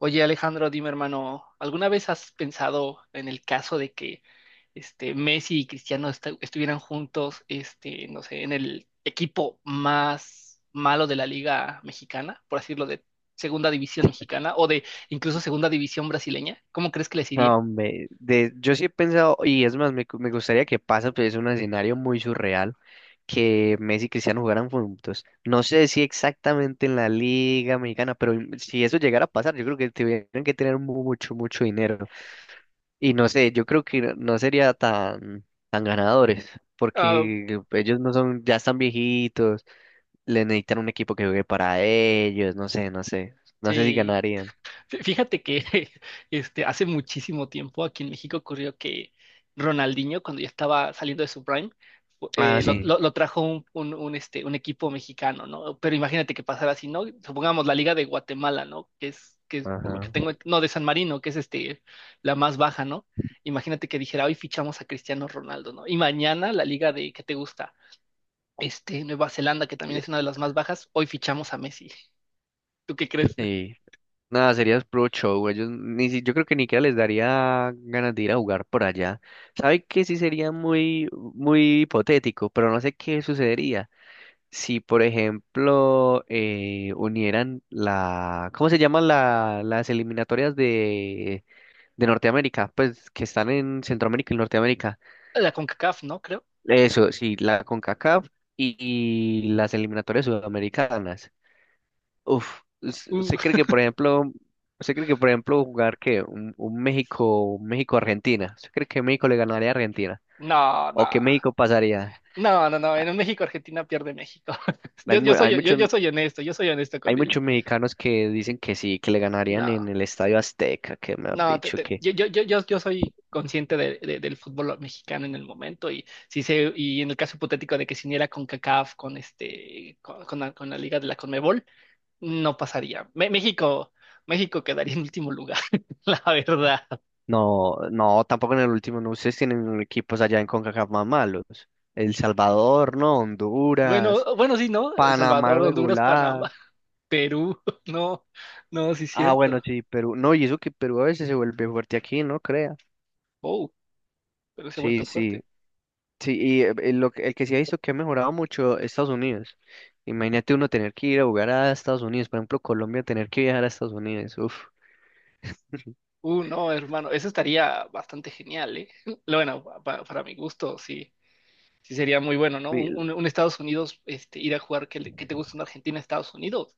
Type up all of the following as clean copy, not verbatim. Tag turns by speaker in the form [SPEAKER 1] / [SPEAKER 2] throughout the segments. [SPEAKER 1] Oye, Alejandro, dime, hermano, ¿alguna vez has pensado en el caso de que Messi y Cristiano estuvieran juntos, no sé, en el equipo más malo de la Liga Mexicana, por así decirlo, de Segunda División Mexicana o de incluso Segunda División brasileña? ¿Cómo crees que les
[SPEAKER 2] No,
[SPEAKER 1] iría?
[SPEAKER 2] hombre, yo sí he pensado, y es más, me gustaría que pase, pues es un escenario muy surreal, que Messi y Cristiano jugaran juntos. No sé si exactamente en la Liga Mexicana, pero si eso llegara a pasar, yo creo que tuvieran que tener mucho, mucho dinero. Y no sé, yo creo que no sería tan, tan ganadores,
[SPEAKER 1] Ah,
[SPEAKER 2] porque ellos no son, ya están viejitos, le necesitan un equipo que juegue para ellos, no sé, no sé, no sé si
[SPEAKER 1] sí.
[SPEAKER 2] ganarían.
[SPEAKER 1] Fíjate que hace muchísimo tiempo aquí en México ocurrió que Ronaldinho, cuando ya estaba saliendo de su prime, fu-
[SPEAKER 2] Ah,
[SPEAKER 1] eh, lo,
[SPEAKER 2] sí,
[SPEAKER 1] lo- lo trajo un equipo mexicano, ¿no? Pero imagínate que pasara así, ¿no? Supongamos la Liga de Guatemala, ¿no? Que es por lo que
[SPEAKER 2] ajá.
[SPEAKER 1] tengo, no, de San Marino, que es la más baja, ¿no? Imagínate que dijera, hoy fichamos a Cristiano Ronaldo, ¿no? Y mañana la Liga de, ¿qué te gusta? Nueva Zelanda, que también es
[SPEAKER 2] eh,
[SPEAKER 1] una de las más bajas, hoy fichamos a Messi. ¿Tú qué crees?
[SPEAKER 2] Sí. Nada, sería pro show, ellos ni si, yo creo que ni siquiera les daría ganas de ir a jugar por allá. ¿Sabe que sí sería muy, muy hipotético, pero no sé qué sucedería? Si por ejemplo unieran la, ¿cómo se llaman las eliminatorias de Norteamérica? Pues que están en Centroamérica y Norteamérica.
[SPEAKER 1] La CONCACAF, ¿no? Creo.
[SPEAKER 2] Eso, sí, la CONCACAF y las eliminatorias sudamericanas. Uf, ¿usted cree
[SPEAKER 1] Uh,
[SPEAKER 2] que por ejemplo, usted cree que por ejemplo jugar que un México, un México-Argentina? ¿Usted cree que México le ganaría a Argentina?
[SPEAKER 1] No,
[SPEAKER 2] ¿O que
[SPEAKER 1] no,
[SPEAKER 2] México pasaría?
[SPEAKER 1] no, no, no.
[SPEAKER 2] Ah,
[SPEAKER 1] En un México-Argentina pierde México.
[SPEAKER 2] Hay,
[SPEAKER 1] Yo,
[SPEAKER 2] mu-
[SPEAKER 1] yo
[SPEAKER 2] hay
[SPEAKER 1] soy, yo,
[SPEAKER 2] muchos
[SPEAKER 1] yo soy honesto, yo soy honesto con
[SPEAKER 2] Hay
[SPEAKER 1] él.
[SPEAKER 2] muchos mexicanos que dicen que sí, que le ganarían
[SPEAKER 1] No,
[SPEAKER 2] en el Estadio Azteca, que me han
[SPEAKER 1] no,
[SPEAKER 2] dicho que
[SPEAKER 1] yo soy consciente del fútbol mexicano en el momento y si se, y en el caso hipotético de que se uniera con CACAF, con con la Liga de la Conmebol, no pasaría. México, México quedaría en último lugar, la verdad.
[SPEAKER 2] no, no, tampoco en el último, no, ustedes tienen equipos allá en CONCACAF más malos. El Salvador, no, Honduras,
[SPEAKER 1] Bueno, bueno, sí, ¿no? El
[SPEAKER 2] Panamá
[SPEAKER 1] Salvador, Honduras,
[SPEAKER 2] regular.
[SPEAKER 1] Panamá, Perú, no, no, sí es
[SPEAKER 2] Ah, bueno,
[SPEAKER 1] cierto.
[SPEAKER 2] sí, Perú. No, y eso que Perú a veces se vuelve fuerte aquí, no crea.
[SPEAKER 1] Oh. Pero se ha
[SPEAKER 2] Sí,
[SPEAKER 1] vuelto
[SPEAKER 2] sí.
[SPEAKER 1] fuerte.
[SPEAKER 2] Sí, y el que sí ha visto que ha mejorado mucho Estados Unidos. Imagínate uno tener que ir a jugar a Estados Unidos, por ejemplo, Colombia tener que viajar a Estados Unidos. Uf.
[SPEAKER 1] No, hermano, eso estaría bastante genial, ¿eh? Bueno, para mi gusto, sí, sí sería muy bueno, ¿no?
[SPEAKER 2] Y-
[SPEAKER 1] Un Estados Unidos, ir a jugar que te gusta una Argentina, Estados Unidos,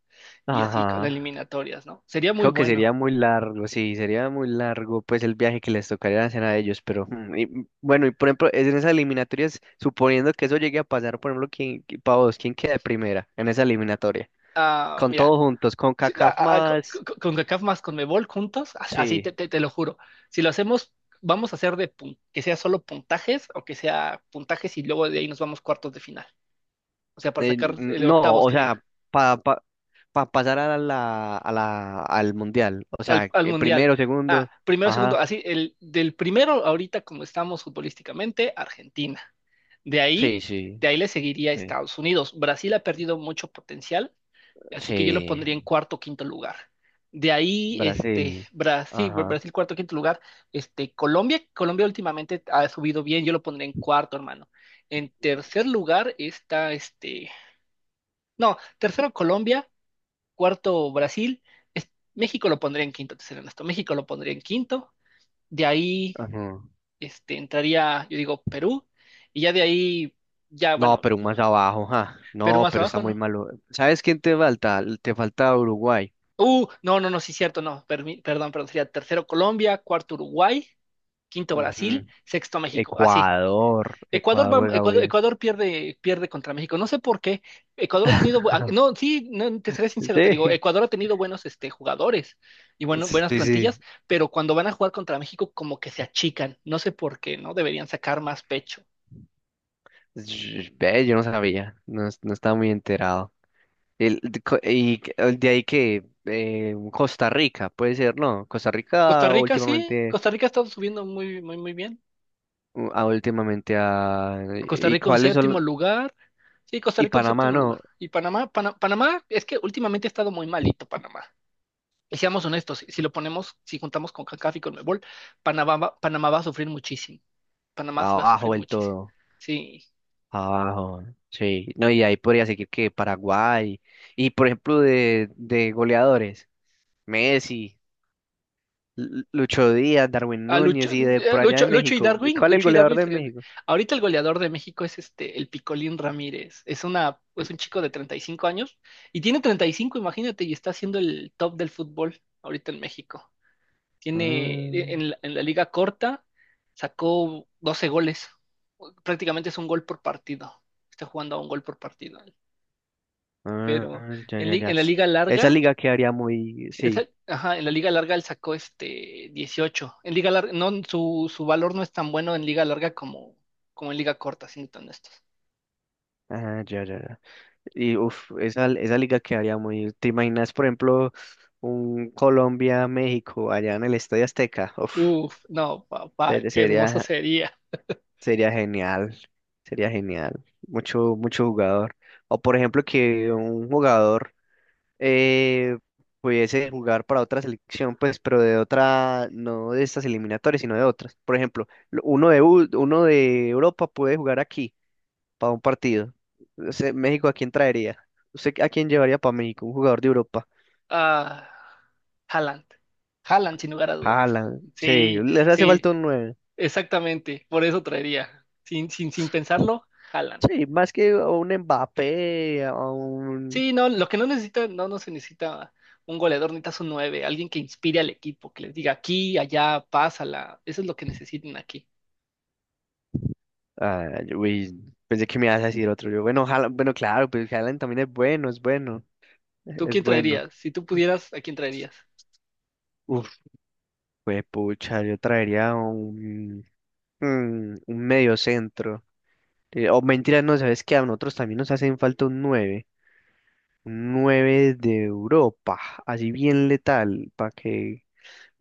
[SPEAKER 1] y así con las
[SPEAKER 2] Ajá.
[SPEAKER 1] eliminatorias, ¿no? Sería muy
[SPEAKER 2] Creo que
[SPEAKER 1] bueno.
[SPEAKER 2] sería muy largo, sí, sería muy largo pues el viaje que les tocaría hacer a ellos, pero bueno, y por ejemplo, es en esas eliminatorias, suponiendo que eso llegue a pasar, por ejemplo, pa vos, ¿quién queda de primera en esa eliminatoria?
[SPEAKER 1] Ah,
[SPEAKER 2] Con
[SPEAKER 1] mira,
[SPEAKER 2] todos juntos, con
[SPEAKER 1] si- a-
[SPEAKER 2] CACAF
[SPEAKER 1] a- a- co- co-
[SPEAKER 2] más,
[SPEAKER 1] co- con CACAF más conmebol juntos, así
[SPEAKER 2] sí,
[SPEAKER 1] te, te lo juro. Si lo hacemos, vamos a hacer de que sea solo puntajes o que sea puntajes y luego de ahí nos vamos cuartos de final. O sea, para sacar el
[SPEAKER 2] no,
[SPEAKER 1] octavos,
[SPEAKER 2] o
[SPEAKER 1] que diga.
[SPEAKER 2] sea, para pa, pa- pa pasar a la, al mundial, o
[SPEAKER 1] al,
[SPEAKER 2] sea,
[SPEAKER 1] al mundial.
[SPEAKER 2] primero,
[SPEAKER 1] Ah,
[SPEAKER 2] segundo,
[SPEAKER 1] primero, segundo,
[SPEAKER 2] ajá,
[SPEAKER 1] así, del primero, ahorita como estamos futbolísticamente, Argentina. De ahí,
[SPEAKER 2] sí, sí,
[SPEAKER 1] de ahí le seguiría
[SPEAKER 2] sí,
[SPEAKER 1] Estados Unidos. Brasil ha perdido mucho potencial, así que yo lo
[SPEAKER 2] sí,
[SPEAKER 1] pondría en cuarto o quinto lugar. De ahí,
[SPEAKER 2] Brasil,
[SPEAKER 1] Brasil,
[SPEAKER 2] ajá,
[SPEAKER 1] Brasil cuarto, quinto lugar. Colombia últimamente ha subido bien, yo lo pondría en cuarto, hermano. En tercer lugar está, no, tercero Colombia, cuarto Brasil, México lo pondría en quinto, te seré honesto, México lo pondría en quinto, de ahí
[SPEAKER 2] ajá.
[SPEAKER 1] entraría, yo digo, Perú, y ya de ahí, ya
[SPEAKER 2] No,
[SPEAKER 1] bueno,
[SPEAKER 2] pero más abajo, ja.
[SPEAKER 1] Perú
[SPEAKER 2] No,
[SPEAKER 1] más
[SPEAKER 2] pero está
[SPEAKER 1] abajo,
[SPEAKER 2] muy
[SPEAKER 1] ¿no?
[SPEAKER 2] malo. ¿Sabes quién te falta? Te falta Uruguay.
[SPEAKER 1] No, no, no, sí, cierto, no, perdón, perdón, sería tercero Colombia, cuarto Uruguay, quinto Brasil,
[SPEAKER 2] Ujú.
[SPEAKER 1] sexto México, así,
[SPEAKER 2] Ecuador.
[SPEAKER 1] Ecuador,
[SPEAKER 2] Ecuador
[SPEAKER 1] va-
[SPEAKER 2] juega
[SPEAKER 1] Ecuador,
[SPEAKER 2] bien.
[SPEAKER 1] Ecuador pierde, pierde contra México. No sé por qué. Ecuador ha tenido, no, sí, no, te seré sincero, te digo,
[SPEAKER 2] Sí.
[SPEAKER 1] Ecuador ha tenido buenos jugadores y bueno, buenas
[SPEAKER 2] Sí, sí.
[SPEAKER 1] plantillas, pero cuando van a jugar contra México como que se achican. No sé por qué, ¿no? Deberían sacar más pecho.
[SPEAKER 2] Ve, yo no sabía. No, no estaba muy enterado. El, de co- y que- el de ahí que Costa Rica, puede ser, ¿no? Costa
[SPEAKER 1] Costa
[SPEAKER 2] Rica
[SPEAKER 1] Rica sí,
[SPEAKER 2] últimamente,
[SPEAKER 1] Costa Rica ha estado subiendo muy, muy, muy bien.
[SPEAKER 2] últimamente a,
[SPEAKER 1] Costa
[SPEAKER 2] ¿y
[SPEAKER 1] Rica un
[SPEAKER 2] cuáles son?
[SPEAKER 1] séptimo lugar. Sí, Costa
[SPEAKER 2] Y
[SPEAKER 1] Rica un
[SPEAKER 2] Panamá,
[SPEAKER 1] séptimo lugar.
[SPEAKER 2] ¿no?
[SPEAKER 1] Y Panamá, Panamá, es que últimamente ha estado muy malito Panamá. Y seamos honestos, si lo ponemos, si juntamos con CONCACAF y con Mebol, Panamá, Panamá va a sufrir muchísimo. Panamá sí va a
[SPEAKER 2] Abajo
[SPEAKER 1] sufrir
[SPEAKER 2] del
[SPEAKER 1] muchísimo.
[SPEAKER 2] todo.
[SPEAKER 1] Sí.
[SPEAKER 2] Abajo, sí. No, y ahí podría seguir que Paraguay. Y por ejemplo, de goleadores, Messi, Lucho Díaz, Darwin Núñez y de por allá
[SPEAKER 1] Lucho,
[SPEAKER 2] de
[SPEAKER 1] Lucho y
[SPEAKER 2] México.
[SPEAKER 1] Darwin,
[SPEAKER 2] ¿Cuál es el
[SPEAKER 1] Lucho y
[SPEAKER 2] goleador
[SPEAKER 1] Darwin
[SPEAKER 2] de
[SPEAKER 1] sería
[SPEAKER 2] México?
[SPEAKER 1] ahorita el goleador de México es el Picolín Ramírez. Es un chico de 35 años y tiene 35, imagínate, y está siendo el top del fútbol ahorita en México. Tiene En la liga corta sacó 12 goles. Prácticamente es un gol por partido. Está jugando a un gol por partido.
[SPEAKER 2] Ah,
[SPEAKER 1] Pero
[SPEAKER 2] ah, ya, ya, ya.
[SPEAKER 1] en la liga
[SPEAKER 2] Esa
[SPEAKER 1] larga,
[SPEAKER 2] liga quedaría muy. Sí.
[SPEAKER 1] ajá, en la liga larga él sacó 18. En liga larga, no, su valor no es tan bueno en liga larga como en liga corta, siendo tan honestos.
[SPEAKER 2] Ah, ya, ya, ya. Y uff, esa liga quedaría muy. ¿Te imaginas, por ejemplo, un Colombia-México allá en el Estadio Azteca? Uf,
[SPEAKER 1] Uf, no, papá, qué hermoso
[SPEAKER 2] sería.
[SPEAKER 1] sería.
[SPEAKER 2] Sería genial, sería genial. Mucho, mucho jugador. O por ejemplo que un jugador eh, pudiese jugar para otra selección, pues, pero de otra, no de estas eliminatorias, sino de otras. Por ejemplo, uno de, uno de Europa puede jugar aquí para un partido. O sea, México, ¿a quién traería? ¿Usted a quién llevaría para México? Un jugador de Europa.
[SPEAKER 1] Ah, Haaland. Haaland, sin lugar a dudas.
[SPEAKER 2] Haaland, sí,
[SPEAKER 1] Sí,
[SPEAKER 2] les hace
[SPEAKER 1] sí,
[SPEAKER 2] falta un nueve.
[SPEAKER 1] exactamente. Por eso traería. Sin pensarlo, Haaland.
[SPEAKER 2] Sí, más que a un Mbappé, a un.
[SPEAKER 1] Sí, no, lo que no necesita, no, no se necesita un goleador, necesitas un nueve, alguien que inspire al equipo, que les diga aquí, allá, pásala. Eso es lo que necesitan aquí.
[SPEAKER 2] Ah, uy, pensé que me ibas a decir otro. Yo, bueno, Haaland, bueno, claro, pues Haaland también es bueno, es bueno,
[SPEAKER 1] ¿Tú
[SPEAKER 2] es
[SPEAKER 1] quién
[SPEAKER 2] bueno.
[SPEAKER 1] traerías? Si tú pudieras, ¿a quién traerías?
[SPEAKER 2] Uf, pues pucha, yo traería un, un medio centro. O mentira, no, ¿sabes qué? A nosotros también nos hacen falta un nueve, un 9 de Europa, así bien letal, para que...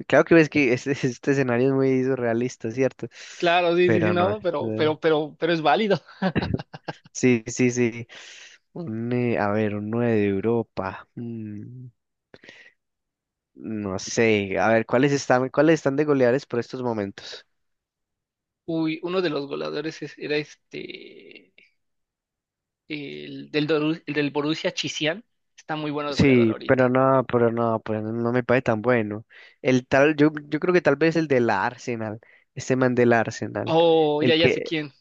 [SPEAKER 2] Claro que ves que este, este escenario es muy surrealista, ¿cierto?
[SPEAKER 1] Claro, sí, sí, sí,
[SPEAKER 2] Pero no,
[SPEAKER 1] no, pero es válido.
[SPEAKER 2] sí, sí, sí. Un, a ver, un 9 de Europa. No sé, a ver, cuáles están de goleadores por estos momentos?
[SPEAKER 1] Uy, uno de los goleadores era el del Borussia Chizian. Está muy bueno el goleador
[SPEAKER 2] Sí,
[SPEAKER 1] ahorita.
[SPEAKER 2] pero no, pero no, pero no, no me parece tan bueno. El tal, yo creo que tal vez el del Arsenal, este man del Arsenal,
[SPEAKER 1] Oh, ya,
[SPEAKER 2] el
[SPEAKER 1] ya sé
[SPEAKER 2] que
[SPEAKER 1] quién.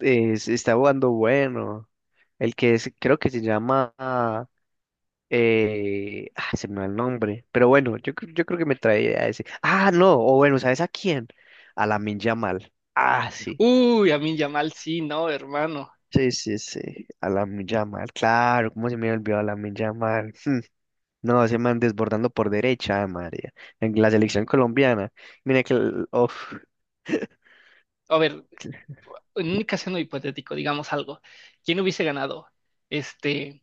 [SPEAKER 2] es está jugando bueno, el que creo que se llama, se me va el nombre, pero bueno, yo creo que me traía a ese. Ah, no, o bueno, ¿sabes a quién? A Lamine Yamal. Ah, sí.
[SPEAKER 1] Uy, Amin Yamal, sí, no, hermano.
[SPEAKER 2] Sí, sí, sí, a la Yamal, claro, cómo se me olvidó a la Yamal. No, ese man desbordando por derecha, María, en la selección colombiana. Mira que, uf,
[SPEAKER 1] A ver, en un caso hipotético, digamos algo, ¿quién hubiese ganado? Este,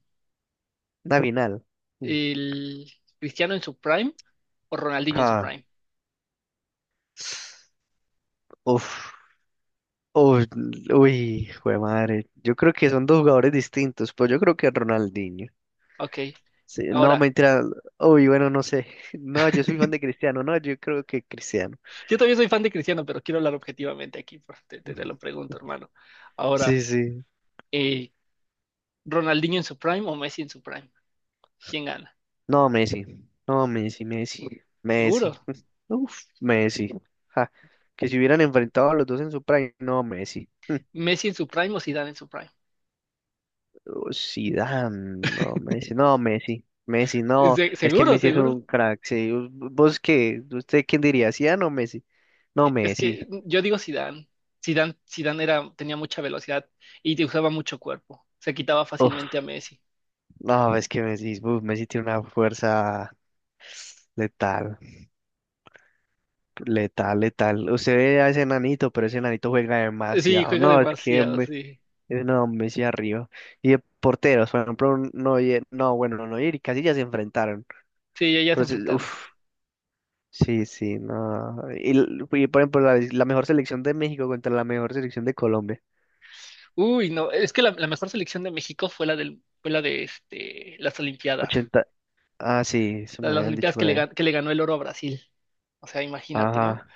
[SPEAKER 2] una final. Mm.
[SPEAKER 1] el Cristiano en su prime o Ronaldinho en su
[SPEAKER 2] Ah,
[SPEAKER 1] prime.
[SPEAKER 2] uf, uf, uy, jue madre. Yo creo que son dos jugadores distintos, pero yo creo que Ronaldinho.
[SPEAKER 1] Ok,
[SPEAKER 2] Sí, no,
[SPEAKER 1] ahora,
[SPEAKER 2] mentira, uy, bueno, no sé. No, yo soy fan de Cristiano, no, yo creo que Cristiano.
[SPEAKER 1] yo también soy fan de Cristiano, pero quiero hablar objetivamente aquí, pues, te lo pregunto, hermano.
[SPEAKER 2] Sí,
[SPEAKER 1] Ahora,
[SPEAKER 2] sí.
[SPEAKER 1] eh, ¿Ronaldinho en su prime o Messi en su prime? ¿Quién gana?
[SPEAKER 2] No, Messi. No, Messi, Messi. Messi.
[SPEAKER 1] Seguro.
[SPEAKER 2] Uf, Messi. Ja, que si hubieran enfrentado a los dos en su prime, no, Messi.
[SPEAKER 1] ¿Messi en su prime o Zidane en su prime?
[SPEAKER 2] Oh, Zidane, no, Messi. No, Messi. Messi, no.
[SPEAKER 1] Se-
[SPEAKER 2] Es que
[SPEAKER 1] seguro,
[SPEAKER 2] Messi es
[SPEAKER 1] seguro.
[SPEAKER 2] un crack. Sí. ¿Vos qué? ¿Usted quién diría? ¿Zidane o Messi? No,
[SPEAKER 1] Es
[SPEAKER 2] Messi.
[SPEAKER 1] que yo digo Zidane. Zidane, Zidane era, tenía mucha velocidad y te usaba mucho cuerpo. Se quitaba fácilmente a
[SPEAKER 2] Uf,
[SPEAKER 1] Messi.
[SPEAKER 2] no, es que Messi, uf, Messi tiene una fuerza letal, letal, letal. Usted ve a ese enanito, pero ese enanito juega
[SPEAKER 1] Sí,
[SPEAKER 2] demasiado.
[SPEAKER 1] juega
[SPEAKER 2] No, es que.
[SPEAKER 1] demasiado, sí.
[SPEAKER 2] No, Messi arriba. Y de porteros, por ejemplo, Neuer, no, bueno, no, Neuer y Casillas se enfrentaron.
[SPEAKER 1] Sí, ya, ya se
[SPEAKER 2] Pero sí,
[SPEAKER 1] enfrentaron.
[SPEAKER 2] uf, sí, sí, no. Y, por ejemplo, la mejor selección de México contra la mejor selección de Colombia.
[SPEAKER 1] Uy, no, es que la mejor selección de México fue la de las Olimpiadas.
[SPEAKER 2] Ochenta. Ah, sí, eso
[SPEAKER 1] La
[SPEAKER 2] me
[SPEAKER 1] de las
[SPEAKER 2] habían dicho
[SPEAKER 1] Olimpiadas que
[SPEAKER 2] por
[SPEAKER 1] le,
[SPEAKER 2] ahí.
[SPEAKER 1] gan- que le ganó el oro a Brasil. O sea, imagínate, ¿no?
[SPEAKER 2] Ajá,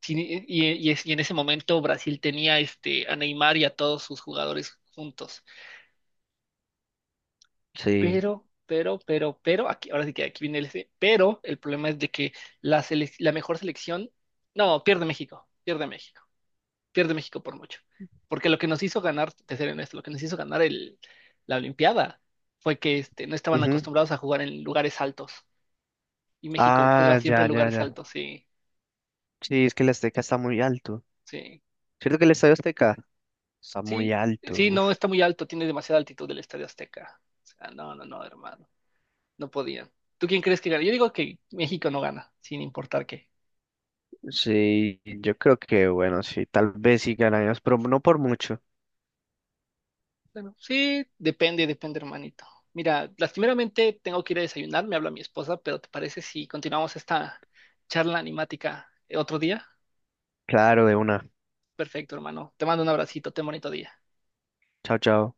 [SPEAKER 1] Sí, y en ese momento Brasil tenía a Neymar y a todos sus jugadores juntos.
[SPEAKER 2] sí.
[SPEAKER 1] Pero, aquí, ahora sí que aquí viene el ese, pero el problema es de que la mejor selección, no, pierde México, pierde México. Pierde México por mucho. Porque lo que nos hizo ganar, te seré honesto, lo que nos hizo ganar la Olimpiada fue que no estaban
[SPEAKER 2] Ujú.
[SPEAKER 1] acostumbrados a jugar en lugares altos. Y México juega
[SPEAKER 2] Ah,
[SPEAKER 1] siempre en
[SPEAKER 2] ya, ya,
[SPEAKER 1] lugares
[SPEAKER 2] ya.
[SPEAKER 1] altos, sí,
[SPEAKER 2] Sí, es que el Azteca está muy alto.
[SPEAKER 1] sí,
[SPEAKER 2] ¿Cierto que el Estadio Azteca está muy
[SPEAKER 1] sí,
[SPEAKER 2] alto?
[SPEAKER 1] sí,
[SPEAKER 2] Uf.
[SPEAKER 1] no está muy alto, tiene demasiada altitud del Estadio Azteca. O sea, no, no, no, hermano, no podían. ¿Tú quién crees que gana? Yo digo que México no gana, sin importar qué.
[SPEAKER 2] Sí, yo creo que, bueno, sí, tal vez sí ganamos, pero no por mucho.
[SPEAKER 1] Bueno, sí, depende, depende, hermanito. Mira, lastimeramente tengo que ir a desayunar, me habla mi esposa, pero ¿te parece si continuamos esta charla animática otro día?
[SPEAKER 2] Claro, de una.
[SPEAKER 1] Perfecto, hermano. Te mando un abracito, ten bonito día.
[SPEAKER 2] Chao, chao.